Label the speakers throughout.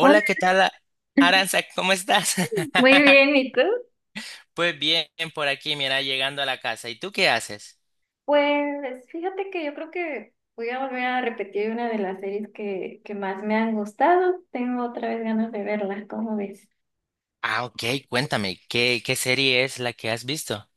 Speaker 1: Hola,
Speaker 2: ¿qué tal, Aranza? ¿Cómo estás?
Speaker 1: muy bien, ¿y tú?
Speaker 2: Pues bien, por aquí, mira, llegando a la casa. ¿Y tú qué haces?
Speaker 1: Pues fíjate que yo creo que voy a volver a repetir una de las series que más me han gustado. Tengo otra vez ganas de verla, ¿cómo ves?
Speaker 2: Ah, ok, cuéntame, ¿qué serie es la que has visto?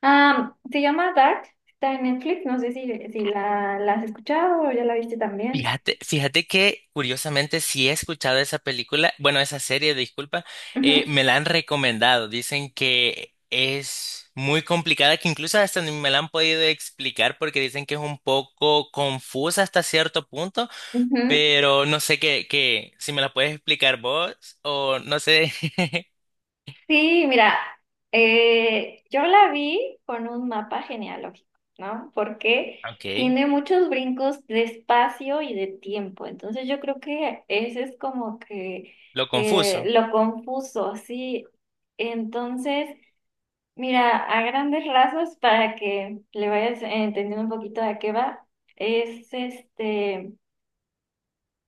Speaker 1: Ah, se llama Dark, está en Netflix, no sé si la has escuchado o ya la viste también.
Speaker 2: Fíjate que curiosamente sí he escuchado esa película, bueno, esa serie, disculpa,
Speaker 1: Ujú,
Speaker 2: me la han recomendado. Dicen que es muy complicada, que incluso hasta ni me la han podido explicar porque dicen que es un poco confusa hasta cierto punto.
Speaker 1: ujú.
Speaker 2: Pero no sé si me la puedes explicar vos o no sé.
Speaker 1: Sí, mira, yo la vi con un mapa genealógico, ¿no? Porque
Speaker 2: Ok,
Speaker 1: tiene muchos brincos de espacio y de tiempo. Entonces yo creo que ese es como que
Speaker 2: lo confuso.
Speaker 1: lo confuso, sí. Entonces, mira, a grandes rasgos, para que le vayas entendiendo un poquito de qué va, es este.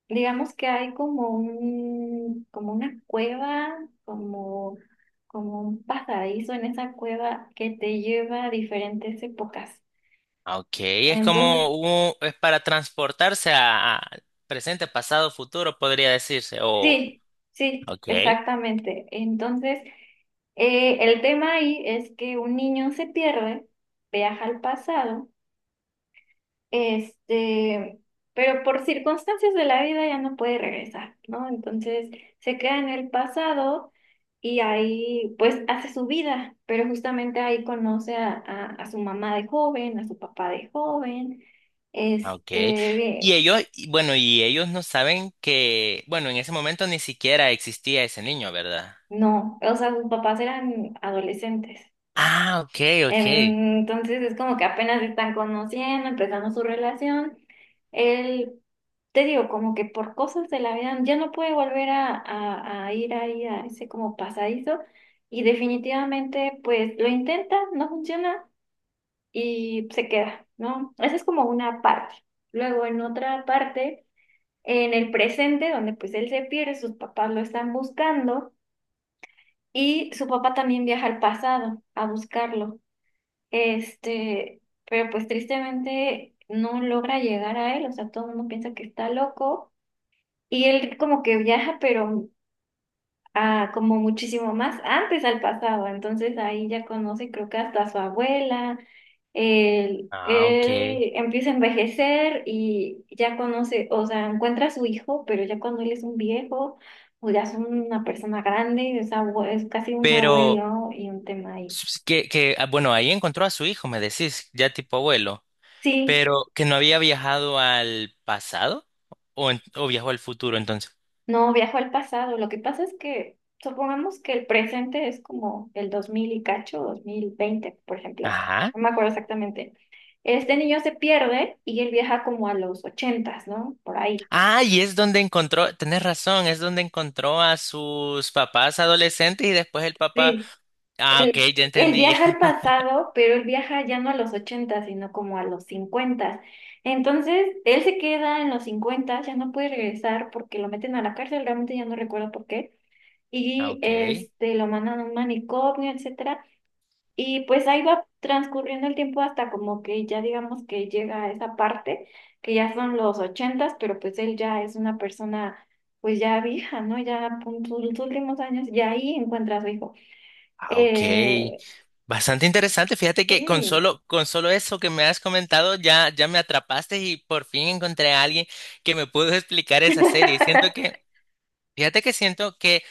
Speaker 1: Digamos que hay como un, como una cueva, como, como un pasadizo en esa cueva que te lleva a diferentes épocas.
Speaker 2: Ok, es
Speaker 1: Entonces,
Speaker 2: como un- es para transportarse a presente, pasado, futuro, podría decirse. O,
Speaker 1: sí, sí,
Speaker 2: ok,
Speaker 1: exactamente. Entonces, el tema ahí es que un niño se pierde, viaja al pasado. Este, pero por circunstancias de la vida ya no puede regresar, ¿no? Entonces se queda en el pasado y ahí pues hace su vida, pero justamente ahí conoce a su mamá de joven, a su papá de joven,
Speaker 2: ok.
Speaker 1: este,
Speaker 2: Y
Speaker 1: de-
Speaker 2: ellos, y bueno, y ellos no saben que, bueno, en ese momento ni siquiera existía ese niño, ¿verdad?
Speaker 1: no, o sea, sus papás eran adolescentes.
Speaker 2: Ah, ok, ok.
Speaker 1: Entonces es como que apenas se están conociendo, empezando su relación. Él, te digo, como que por cosas de la vida ya no puede volver a ir ahí a ese como pasadizo y definitivamente pues lo intenta, no funciona y se queda, ¿no? Esa es como una parte. Luego en otra parte, en el presente, donde pues él se pierde, sus papás lo están buscando y su papá también viaja al pasado a buscarlo. Este, pero pues tristemente no logra llegar a él, o sea, todo el mundo piensa que está loco y él como que viaja, pero a, como muchísimo más antes al pasado, entonces ahí ya conoce creo que hasta a su abuela, él,
Speaker 2: Ah, ok.
Speaker 1: él empieza a envejecer y ya conoce, o sea, encuentra a su hijo, pero ya cuando él es un viejo o ya es una persona grande, es, es casi un
Speaker 2: Pero
Speaker 1: abuelo y un tema ahí.
Speaker 2: bueno, ahí encontró a su hijo, me decís, ya tipo abuelo.
Speaker 1: Sí.
Speaker 2: Pero que no había viajado al pasado o, o viajó al futuro entonces.
Speaker 1: No, viajo al pasado. Lo que pasa es que supongamos que el presente es como el 2000 y cacho, 2020 por ejemplo.
Speaker 2: Ajá.
Speaker 1: No me acuerdo exactamente. Este niño se pierde y él viaja como a los ochentas, ¿no? Por ahí.
Speaker 2: Ah, y es donde encontró, tenés razón, es donde encontró a sus papás adolescentes y después el papá.
Speaker 1: Sí.
Speaker 2: Ah, ok,
Speaker 1: Él,
Speaker 2: ya
Speaker 1: él
Speaker 2: entendí.
Speaker 1: viaja al pasado, pero él viaja ya no a los ochentas sino como a los cincuentas. Entonces, él se queda en los cincuentas, ya no puede regresar porque lo meten a la cárcel, realmente ya no recuerdo por qué.
Speaker 2: Ah,
Speaker 1: Y
Speaker 2: ok.
Speaker 1: este, lo mandan a un manicomio, etc. Y pues ahí va transcurriendo el tiempo hasta como que ya digamos que llega a esa parte, que ya son los ochentas, pero pues él ya es una persona pues ya vieja, ¿no? Ya en sus últimos años, y ahí encuentra a su hijo.
Speaker 2: Ah, ok.
Speaker 1: Eh,
Speaker 2: Bastante interesante. Fíjate que con
Speaker 1: sí,
Speaker 2: solo, con solo eso que me has comentado ya me atrapaste y por fin encontré a alguien que me pudo explicar esa serie. Siento que Fíjate que siento que,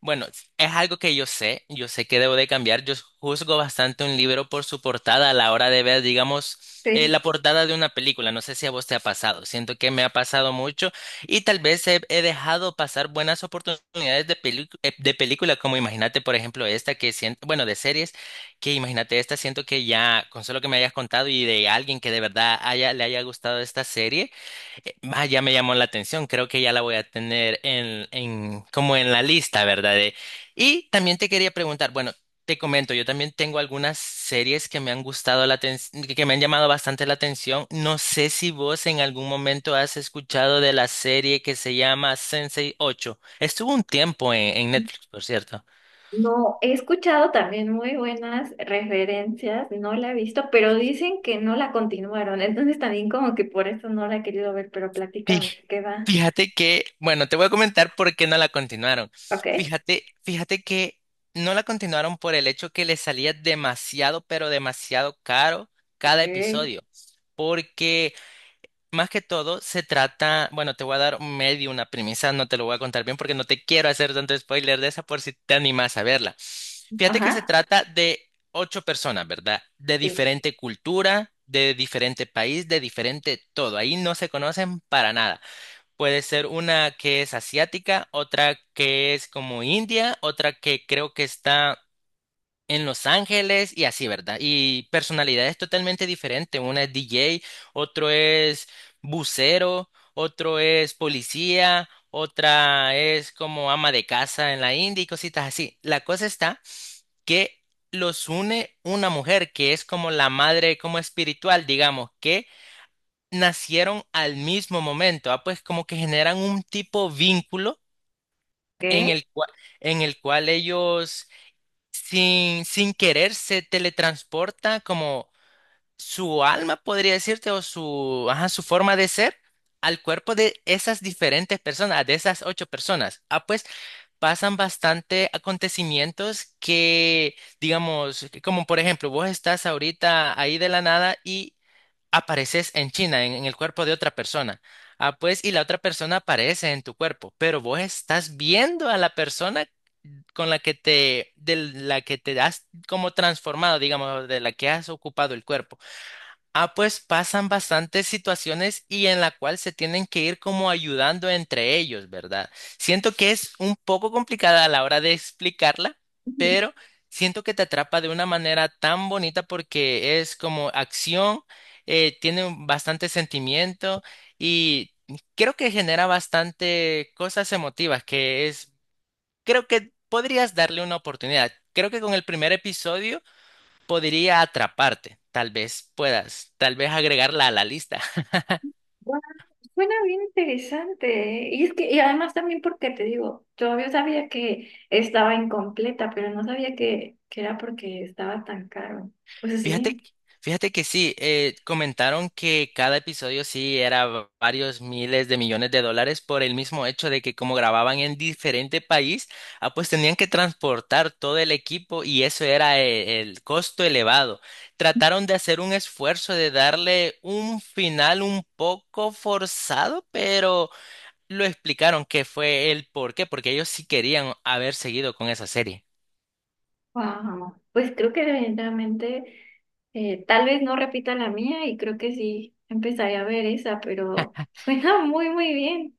Speaker 2: bueno, es algo que yo sé que debo de cambiar. Yo juzgo bastante un libro por su portada a la hora de ver, digamos, la
Speaker 1: sí.
Speaker 2: portada de una película. No sé si a vos te ha pasado. Siento que me ha pasado mucho y tal vez he dejado pasar buenas oportunidades de, de película, como imagínate, por ejemplo, esta que siento, bueno, de series, que imagínate esta, siento que ya, con solo que me hayas contado y de alguien que de verdad le haya gustado esta serie. Ya me llamó la atención, creo que ya la voy a tener como en la lista, ¿verdad? De- y también te quería preguntar, bueno, te comento, yo también tengo algunas series que me han gustado la que me han llamado bastante la atención. No sé si vos en algún momento has escuchado de la serie que se llama Sensei 8. Estuvo un tiempo en Netflix, por cierto.
Speaker 1: No, he escuchado también muy buenas referencias, no la he visto, pero dicen que no la continuaron, entonces también como que por eso no la he querido ver, pero platícame,
Speaker 2: Fij-
Speaker 1: ¿de qué va?
Speaker 2: Fíjate que, bueno, te voy a comentar por qué no la continuaron.
Speaker 1: ¿Ok?
Speaker 2: Fíjate que no la continuaron por el hecho que le salía demasiado, pero demasiado caro cada
Speaker 1: Ok.
Speaker 2: episodio. Porque más que todo se trata, bueno, te voy a dar medio una premisa, no te lo voy a contar bien porque no te quiero hacer tanto spoiler de esa por si te animas a verla. Fíjate que se
Speaker 1: Ajá,
Speaker 2: trata de ocho personas, ¿verdad? De
Speaker 1: sí.
Speaker 2: diferente cultura, de diferente país, de diferente todo. Ahí no se conocen para nada. Puede ser una que es asiática, otra que es como India, otra que creo que está en Los Ángeles y así, ¿verdad? Y personalidades totalmente diferentes. Una es DJ, otro es bucero, otro es policía, otra es como ama de casa en la India y cositas así. La cosa está que los une una mujer que es como la madre, como espiritual, digamos, que nacieron al mismo momento, ah, pues como que generan un tipo vínculo en
Speaker 1: ¿Qué?
Speaker 2: el cual, en el cual ellos sin querer se teletransporta como su alma, podría decirte, o su, ajá, su forma de ser al cuerpo de esas diferentes personas, de esas ocho personas. Ah, pues pasan bastante acontecimientos que, digamos, que como por ejemplo, vos estás ahorita ahí de la nada y apareces en China, en el cuerpo de otra persona. Ah, pues, y la otra persona aparece en tu cuerpo, pero vos estás viendo a la persona con la que te, de la que te has como transformado, digamos, de la que has ocupado el cuerpo. Ah, pues pasan bastantes situaciones y en la cual se tienen que ir como ayudando entre ellos, ¿verdad? Siento que es un poco complicada a la hora de explicarla,
Speaker 1: Ujú.
Speaker 2: pero siento que te atrapa de una manera tan bonita porque es como acción, tiene bastante sentimiento y creo que genera bastante cosas emotivas, que es, creo que podrías darle una oportunidad. Creo que con el primer episodio podría atraparte. Tal vez puedas, tal vez agregarla a la lista.
Speaker 1: Bueno, suena bien interesante, ¿eh? Y es que, y además también porque te digo, yo sabía que estaba incompleta, pero no sabía que era porque estaba tan caro. Pues
Speaker 2: Fíjate,
Speaker 1: sí,
Speaker 2: fíjate que sí, comentaron que cada episodio sí era varios miles de millones de dólares por el mismo hecho de que como grababan en diferente país, ah, pues tenían que transportar todo el equipo y eso era el costo elevado. Trataron de hacer un esfuerzo de darle un final un poco forzado, pero... lo explicaron que fue el por qué, porque ellos sí querían haber seguido con esa serie.
Speaker 1: wow. Pues creo que definitivamente, tal vez no repita la mía y creo que sí empezaré a ver esa, pero suena muy, muy bien.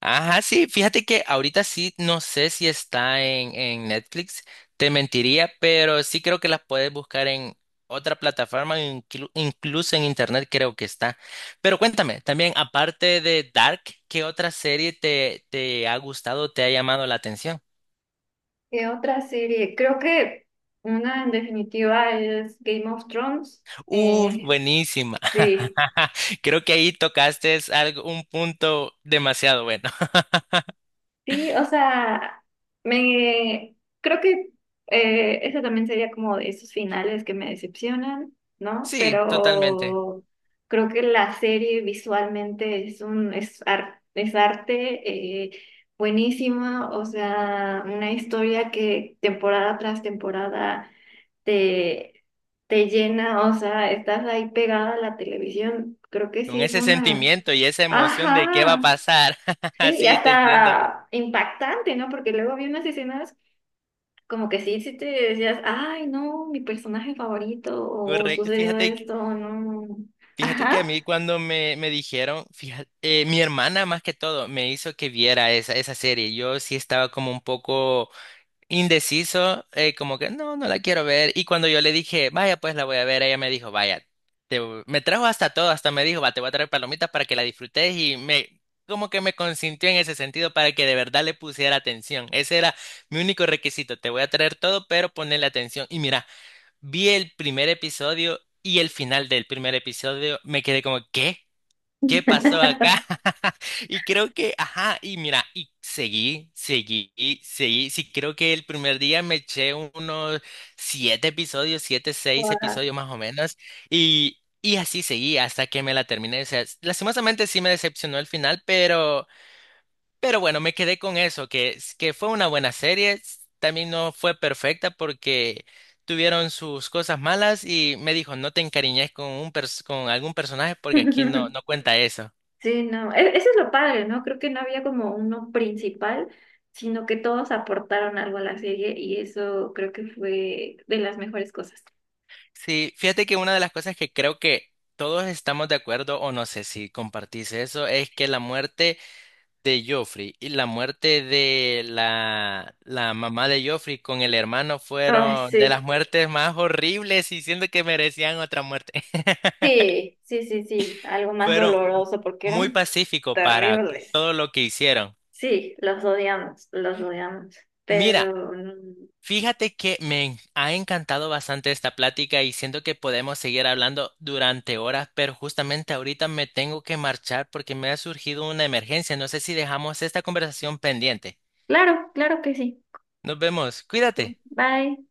Speaker 2: Ajá, sí, fíjate que ahorita sí, no sé si está en Netflix, te mentiría, pero sí creo que las puedes buscar en otra plataforma, incluso en internet creo que está. Pero cuéntame, también aparte de Dark, ¿qué otra serie te ha gustado, te, ha llamado la atención?
Speaker 1: ¿Qué otra serie? Creo que una en definitiva es Game of Thrones. Eh,
Speaker 2: ¡Buenísima!
Speaker 1: sí.
Speaker 2: Creo que ahí tocaste algo, un punto demasiado bueno.
Speaker 1: Sí, o sea, me creo que ese también sería como de esos finales que me decepcionan, ¿no?
Speaker 2: Sí, totalmente.
Speaker 1: Pero creo que la serie visualmente es un es, ar- es arte, buenísima, o sea, una historia que temporada tras temporada te, te llena, o sea, estás ahí pegada a la televisión. Creo que
Speaker 2: Con
Speaker 1: sí fue
Speaker 2: ese
Speaker 1: una.
Speaker 2: sentimiento y esa emoción de qué va a
Speaker 1: Ajá.
Speaker 2: pasar.
Speaker 1: Sí, y
Speaker 2: Así te entiendo.
Speaker 1: hasta impactante, ¿no? Porque luego había unas escenas como que sí, sí te decías, ay, no, mi personaje favorito, o
Speaker 2: Correcto.
Speaker 1: sucedió esto, o no.
Speaker 2: Fíjate que a
Speaker 1: Ajá.
Speaker 2: mí cuando me dijeron, fíjate, mi hermana más que todo me hizo que viera esa serie. Yo sí estaba como un poco indeciso, como que no, no la quiero ver. Y cuando yo le dije, vaya, pues la voy a ver, ella me dijo, vaya, te voy-. Me trajo hasta todo, hasta me dijo, va, te voy a traer palomitas para que la disfrutes y me, como que me consintió en ese sentido para que de verdad le pusiera atención. Ese era mi único requisito, te voy a traer todo, pero ponle atención. Y mira, vi el primer episodio y el final del primer episodio, me quedé como, ¿qué? ¿Qué pasó acá? Y creo que, ajá, y mira, y seguí, seguí, y seguí. Sí, creo que el primer día me eché unos siete episodios, siete, seis
Speaker 1: Guau.
Speaker 2: episodios más o menos, y así seguí hasta que me la terminé. O sea, lastimosamente sí me decepcionó el final, pero bueno, me quedé con eso, que fue una buena serie. También no fue perfecta porque tuvieron sus cosas malas y me dijo, no te encariñes con un con algún personaje porque aquí no, no cuenta eso.
Speaker 1: Sí, no, eso es lo padre, ¿no? Creo que no había como uno principal, sino que todos aportaron algo a la serie y eso creo que fue de las mejores cosas.
Speaker 2: Sí, fíjate que una de las cosas que creo que todos estamos de acuerdo, o no sé si compartís eso, es que la muerte de Joffrey y la muerte de la mamá de Joffrey con el hermano
Speaker 1: Ay,
Speaker 2: fueron de las
Speaker 1: sí.
Speaker 2: muertes más horribles y siento que merecían otra muerte.
Speaker 1: Sí, sí, sí, sí, algo más
Speaker 2: Fueron
Speaker 1: doloroso porque
Speaker 2: muy
Speaker 1: eran
Speaker 2: pacíficos para
Speaker 1: terribles.
Speaker 2: todo lo que hicieron.
Speaker 1: Sí, los odiamos, los odiamos.
Speaker 2: Mira,
Speaker 1: Pero mm,
Speaker 2: fíjate que me ha encantado bastante esta plática y siento que podemos seguir hablando durante horas, pero justamente ahorita me tengo que marchar porque me ha surgido una emergencia. No sé si dejamos esta conversación pendiente.
Speaker 1: claro, claro que sí.
Speaker 2: Nos vemos.
Speaker 1: Sí.
Speaker 2: Cuídate.
Speaker 1: Bye.